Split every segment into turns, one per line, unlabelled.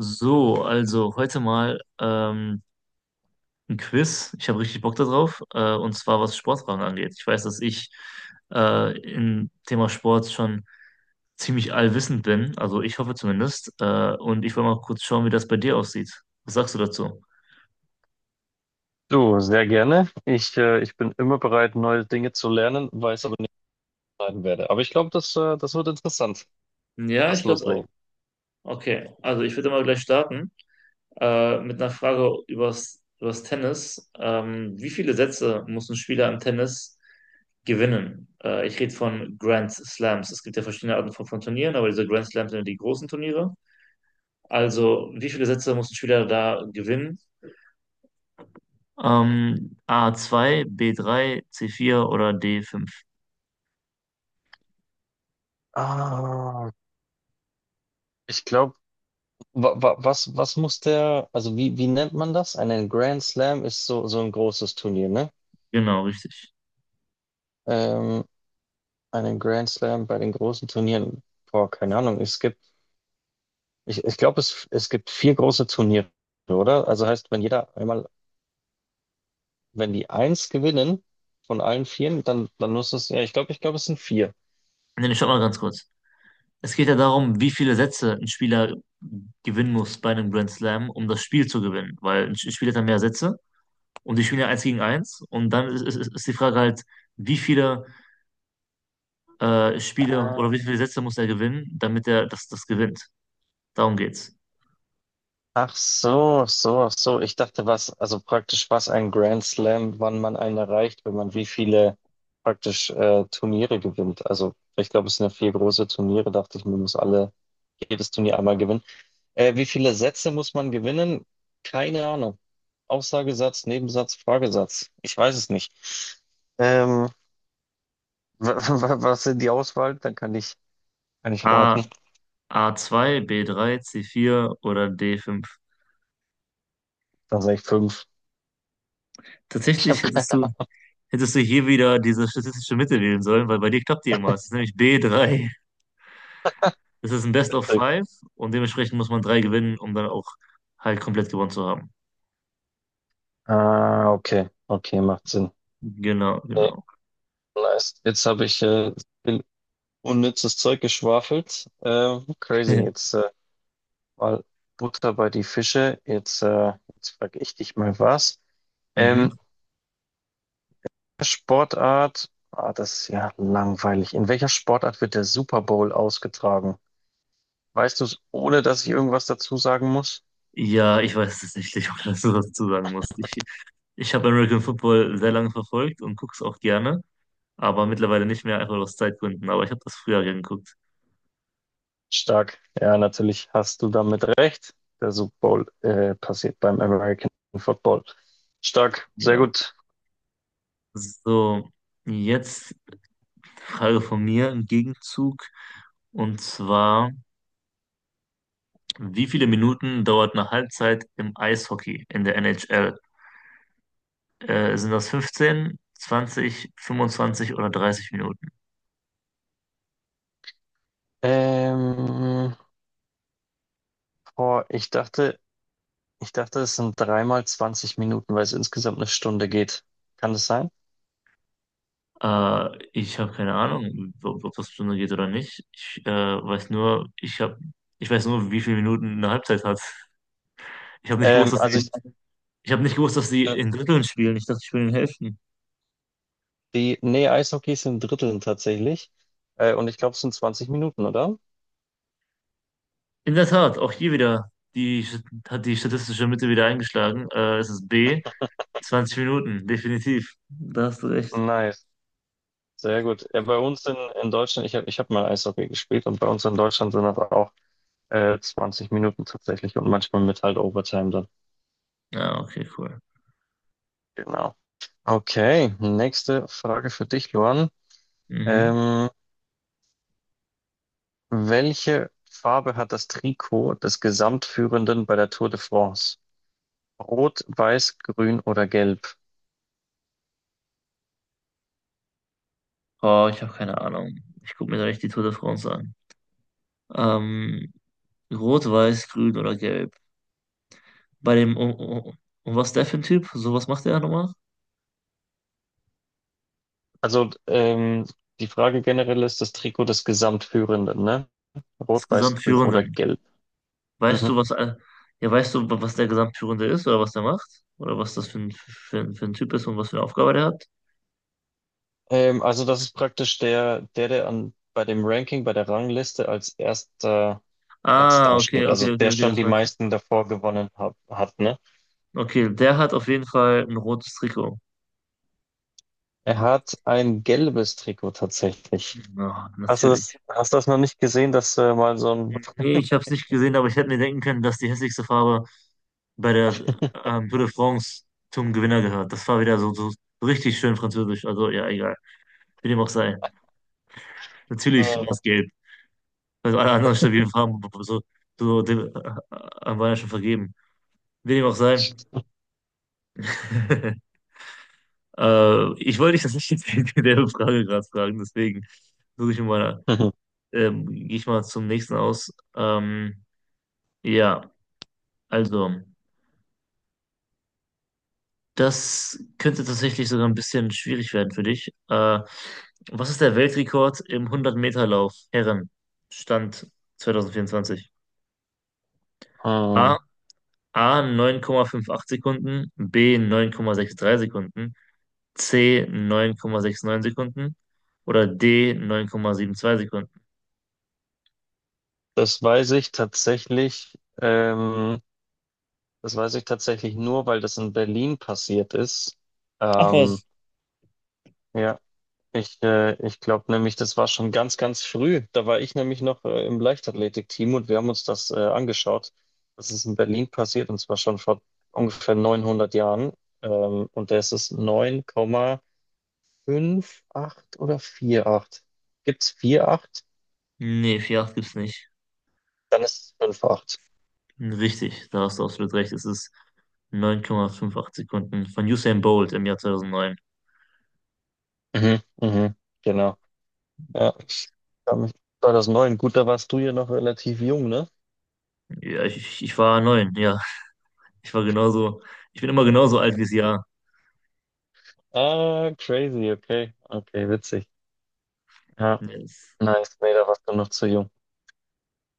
So, also heute mal ein Quiz. Ich habe richtig Bock darauf. Und zwar, was Sportfragen angeht. Ich weiß, dass ich im Thema Sport schon ziemlich allwissend bin. Also ich hoffe zumindest. Und ich wollte mal kurz schauen, wie das bei dir aussieht. Was sagst du dazu?
Du, sehr gerne. Ich bin immer bereit, neue Dinge zu lernen, weiß aber nicht, was ich lernen werde. Aber ich glaube, das wird interessant.
Ja,
Lass
ich glaube auch.
loslegen.
Okay, also ich würde mal gleich starten. Mit einer Frage übers Tennis. Wie viele Sätze muss ein Spieler im Tennis gewinnen? Ich rede von Grand Slams. Es gibt ja verschiedene Arten von Turnieren, aber diese Grand Slams sind ja die großen Turniere. Also, wie viele Sätze muss ein Spieler da gewinnen? A zwei, b drei, c vier oder d fünf?
Ah, Ich glaube, was muss der, also wie nennt man das? Einen Grand Slam ist so ein großes Turnier, ne?
Genau, richtig.
Ähm, Einen Grand Slam bei den großen Turnieren, boah, keine Ahnung. Es gibt, ich glaube, es gibt vier große Turniere, oder? Also heißt, wenn jeder einmal, wenn die eins gewinnen von allen vieren, dann muss es, ja, ich glaube, es sind vier.
Nee, nee, stopp mal ganz kurz. Es geht ja darum, wie viele Sätze ein Spieler gewinnen muss bei einem Grand Slam, um das Spiel zu gewinnen. Weil ein Spieler hat ja mehr Sätze und die spielen ja eins gegen eins. Und dann ist die Frage halt, wie viele Spiele
Ah,
oder wie viele Sätze muss er gewinnen, damit er das gewinnt. Darum geht's.
Ach so. Ich dachte, was, also praktisch, was ein Grand Slam, wann man einen erreicht, wenn man wie viele praktisch Turniere gewinnt. Also, ich glaube, es sind ja vier große Turniere, dachte ich, man muss alle, jedes Turnier einmal gewinnen. Wie viele Sätze muss man gewinnen? Keine Ahnung. Aussagesatz, Nebensatz, Fragesatz. Ich weiß es nicht. Ähm, was sind die Auswahl? Dann kann ich
A,
raten.
A2, b drei, c vier oder d fünf?
Dann sage ich fünf. Ich habe
Tatsächlich
keine
hättest du hier wieder diese statistische Mitte wählen sollen, weil bei dir klappt die immer. Es ist nämlich b drei. Es ist ein Best of
Ahnung.
Five und dementsprechend muss man drei gewinnen, um dann auch halt komplett gewonnen zu haben.
Ah, okay, okay, macht Sinn.
Genau,
Nee,
genau.
nice. Jetzt habe ich viel unnützes Zeug geschwafelt. Crazy. Jetzt mal Butter bei die Fische. Jetzt frage ich dich mal was.
Mhm.
Ähm, Sportart. Ah, das ist ja langweilig. In welcher Sportart wird der Super Bowl ausgetragen? Weißt du es, ohne dass ich irgendwas dazu sagen muss?
Ja, ich weiß tatsächlich, ob das so dazu sagen muss. Ich habe American Football sehr lange verfolgt und gucke es auch gerne, aber mittlerweile nicht mehr, einfach aus Zeitgründen. Aber ich habe das früher gern geguckt.
Stark. Ja, natürlich hast du damit recht. Der Super Bowl passiert beim American Football. Stark. Sehr
Ja.
gut.
So, jetzt Frage von mir im Gegenzug. Und zwar, wie viele Minuten dauert eine Halbzeit im Eishockey in der NHL? Sind das 15, 20, 25 oder 30 Minuten?
Ähm, Boah, ich dachte, es sind dreimal 20 Minuten, weil es insgesamt eine Stunde geht. Kann das sein?
Ich habe keine Ahnung, ob das Stunde geht oder nicht. Ich ich weiß nur, wie viele Minuten eine Halbzeit hat. Ich habe nicht gewusst,
Ähm,
dass
also
sie,
ich,
ich habe nicht gewusst, dass sie
äh,
in Dritteln spielen. Ich dachte, sie spielen in Hälften.
Nee, Eishockey ist in Dritteln tatsächlich. Und ich glaube, es sind 20 Minuten, oder?
In der Tat, auch hier wieder. Die hat die statistische Mitte wieder eingeschlagen. Es ist B. 20 Minuten, definitiv. Da hast du recht.
Nice, sehr gut. Ja, bei uns in Deutschland, ich hab mal Eishockey gespielt und bei uns in Deutschland sind das auch 20 Minuten tatsächlich und manchmal mit halt Overtime dann.
Ja, okay, cool.
Genau. Okay, nächste Frage für dich, Luan.
Mhm.
Ähm, Welche Farbe hat das Trikot des Gesamtführenden bei der Tour de France? Rot, weiß, grün oder gelb?
Oh, ich habe keine Ahnung. Ich gucke mir da nicht die Tour de France an. Ähm, rot, weiß, grün oder gelb. Bei dem, um was ist der für ein Typ? So, was macht der nochmal?
Also die Frage generell ist das Trikot des Gesamtführenden, ne? Rot,
Das
weiß, grün
Gesamtführende.
oder gelb.
Weißt
Mhm.
du, was, all- ja, weißt du, wa- was der Gesamtführende ist oder was der macht? Oder was das für ein, für ein Typ ist und was für eine Aufgabe der hat?
Also das ist praktisch der an, bei dem Ranking, bei der Rangliste als erster Platz
Ah, okay,
dasteht.
okay,
Also
okay,
der
okay,
schon
das
die
meinst du.
meisten davor gewonnen hat, ne?
Okay, der hat auf jeden Fall ein rotes Trikot.
Er hat ein gelbes Trikot tatsächlich.
Na,
Hast du
natürlich.
das, hast du das noch nicht gesehen, dass mal so ein
Nee, ich habe es nicht gesehen, aber ich hätte mir denken können, dass die hässlichste Farbe bei der Tour de France zum Gewinner gehört. Das war wieder so, so richtig schön französisch. Also, ja, egal. Wie dem auch sei. Natürlich war
Äh,
es gelb. Also alle anderen stabilen Farben so, waren ja schon vergeben. Wie dem auch sei. Ich wollte dich das nicht jetzt in der Frage gerade fragen, deswegen suche ich mal,
Mhm.
gehe ich mal zum nächsten aus. Ja, also, Das könnte tatsächlich sogar ein bisschen schwierig werden für dich. Was ist der Weltrekord im 100-Meter-Lauf Herren? Stand 2024. A,
Ah,
A 9,58 Sekunden, B 9,63 Sekunden, C 9,69 Sekunden oder D 9,72 Sekunden.
Das weiß ich tatsächlich, das weiß ich tatsächlich nur, weil das in Berlin passiert ist.
Ach
Ähm,
was.
ja, ich glaube nämlich, das war schon ganz früh. Da war ich nämlich noch im Leichtathletikteam und wir haben uns das angeschaut. Das ist in Berlin passiert und zwar schon vor ungefähr 900 Jahren. Und da ist es 9,58 oder 4,8. Gibt es 4,8?
Nee, vier Komma acht gibt's nicht.
Dann ist es 5,8.
Richtig, da hast du absolut recht. Es ist 9,58 Sekunden von Usain Bolt im Jahr 2009.
Mhm, mhm, genau. Ja, ich kann mich 2009, gut, da warst du ja noch relativ jung, ne?
Ich ich war neun, ja. Ich war genauso, Ich bin immer genauso alt wie das Jahr.
Ah, crazy, okay. Okay, witzig. Ja,
Yes.
nice. Nee, da warst du noch zu jung.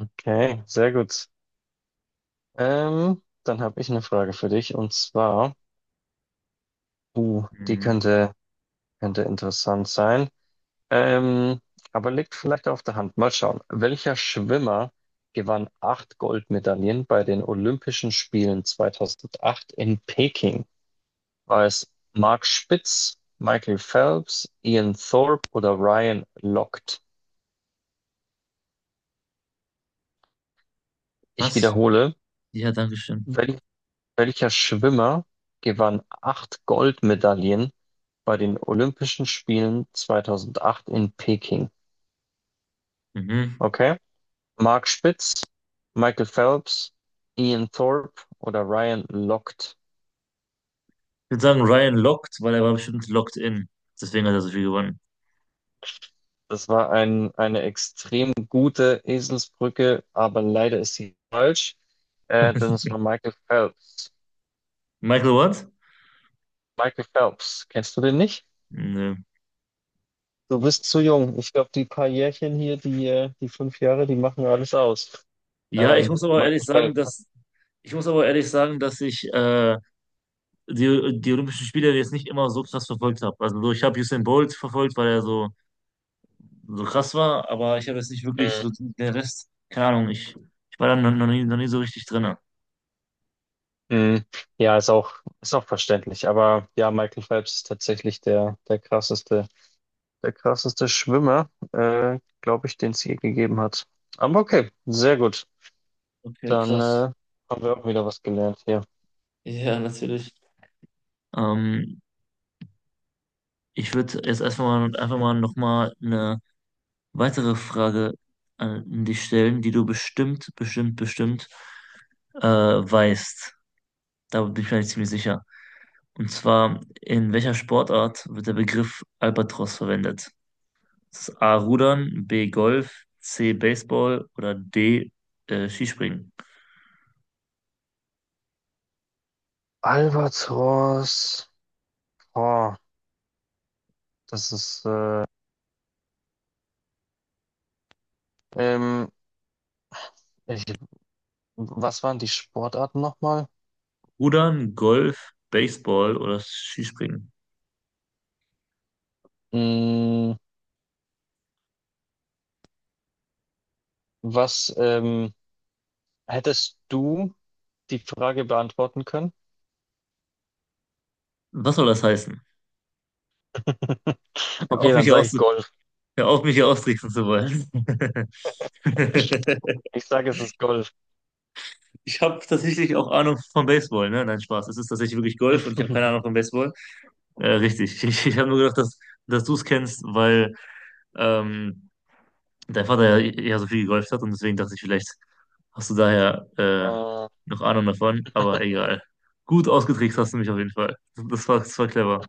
Okay, sehr gut. Dann habe ich eine Frage für dich und zwar, uh, die
Mhm.
könnte, könnte interessant sein. Ähm, aber liegt vielleicht auf der Hand. Mal schauen. Welcher Schwimmer gewann acht Goldmedaillen bei den Olympischen Spielen 2008 in Peking? War es Mark Spitz, Michael Phelps, Ian Thorpe oder Ryan Lochte? Ich
Was?
wiederhole,
Ja, danke schön.
wel welcher Schwimmer gewann acht Goldmedaillen bei den Olympischen Spielen 2008 in Peking?
Mhm.
Okay. Mark Spitz, Michael Phelps, Ian Thorpe oder Ryan Lochte?
Ich würde sagen, Ryan lockt, weil er war bestimmt locked in. Deswegen hat er so viel gewonnen.
Das war eine extrem gute Eselsbrücke, aber leider ist sie falsch, denn es war Michael Phelps.
Michael What?
Michael Phelps, kennst du den nicht?
Nö.
Du bist zu jung. Ich glaube, die paar Jährchen hier, die fünf Jahre, die machen alles aus.
Ja, ich muss aber
Michael
ehrlich sagen,
Phelps.
dass ich muss aber ehrlich sagen, dass ich die Olympischen Spiele jetzt nicht immer so krass verfolgt habe. Also so, ich habe Usain Bolt verfolgt, weil er so, so krass war, aber ich habe jetzt nicht wirklich
Mhm.
so den Rest, keine Ahnung, ich war da noch nie so richtig drin.
Mhm. Ja, ist auch verständlich. Aber ja, Michael Phelps ist tatsächlich der krasseste Schwimmer, glaube ich, den es je gegeben hat. Aber okay, sehr gut.
Okay,
Dann
krass.
haben wir auch wieder was gelernt hier.
Ja, natürlich. Ähm, ich würde jetzt erstmal mal, einfach mal nochmal eine weitere Frage an dich stellen, die du bestimmt weißt. Da bin ich mir eigentlich ziemlich sicher. Und zwar, in welcher Sportart wird der Begriff Albatros verwendet? Das ist A. Rudern, B. Golf, C. Baseball oder D. Skispringen.
Albatros. Oh, das ist. Ähm, ich Was waren die Sportarten nochmal?
Rudern, Golf, Baseball oder Skispringen?
Mm, was Hättest du die Frage beantworten können?
Was soll das heißen? Hör
Okay,
auf, mich
dann
hier
sage
aus,
ich Golf.
Hör auf, mich hier austricksen zu wollen.
Ich sage, es ist Golf.
Ich habe tatsächlich auch Ahnung von Baseball, ne? Nein, Spaß. Es ist tatsächlich wirklich Golf und ich habe keine Ahnung von Baseball. Richtig. Ich habe nur gedacht, dass du es kennst, weil ähm, dein Vater ja eher so viel gegolft hat und deswegen dachte ich, vielleicht hast du daher
Äh,
noch Ahnung davon, aber egal. Gut ausgetrickst hast du mich auf jeden Fall. Das war clever.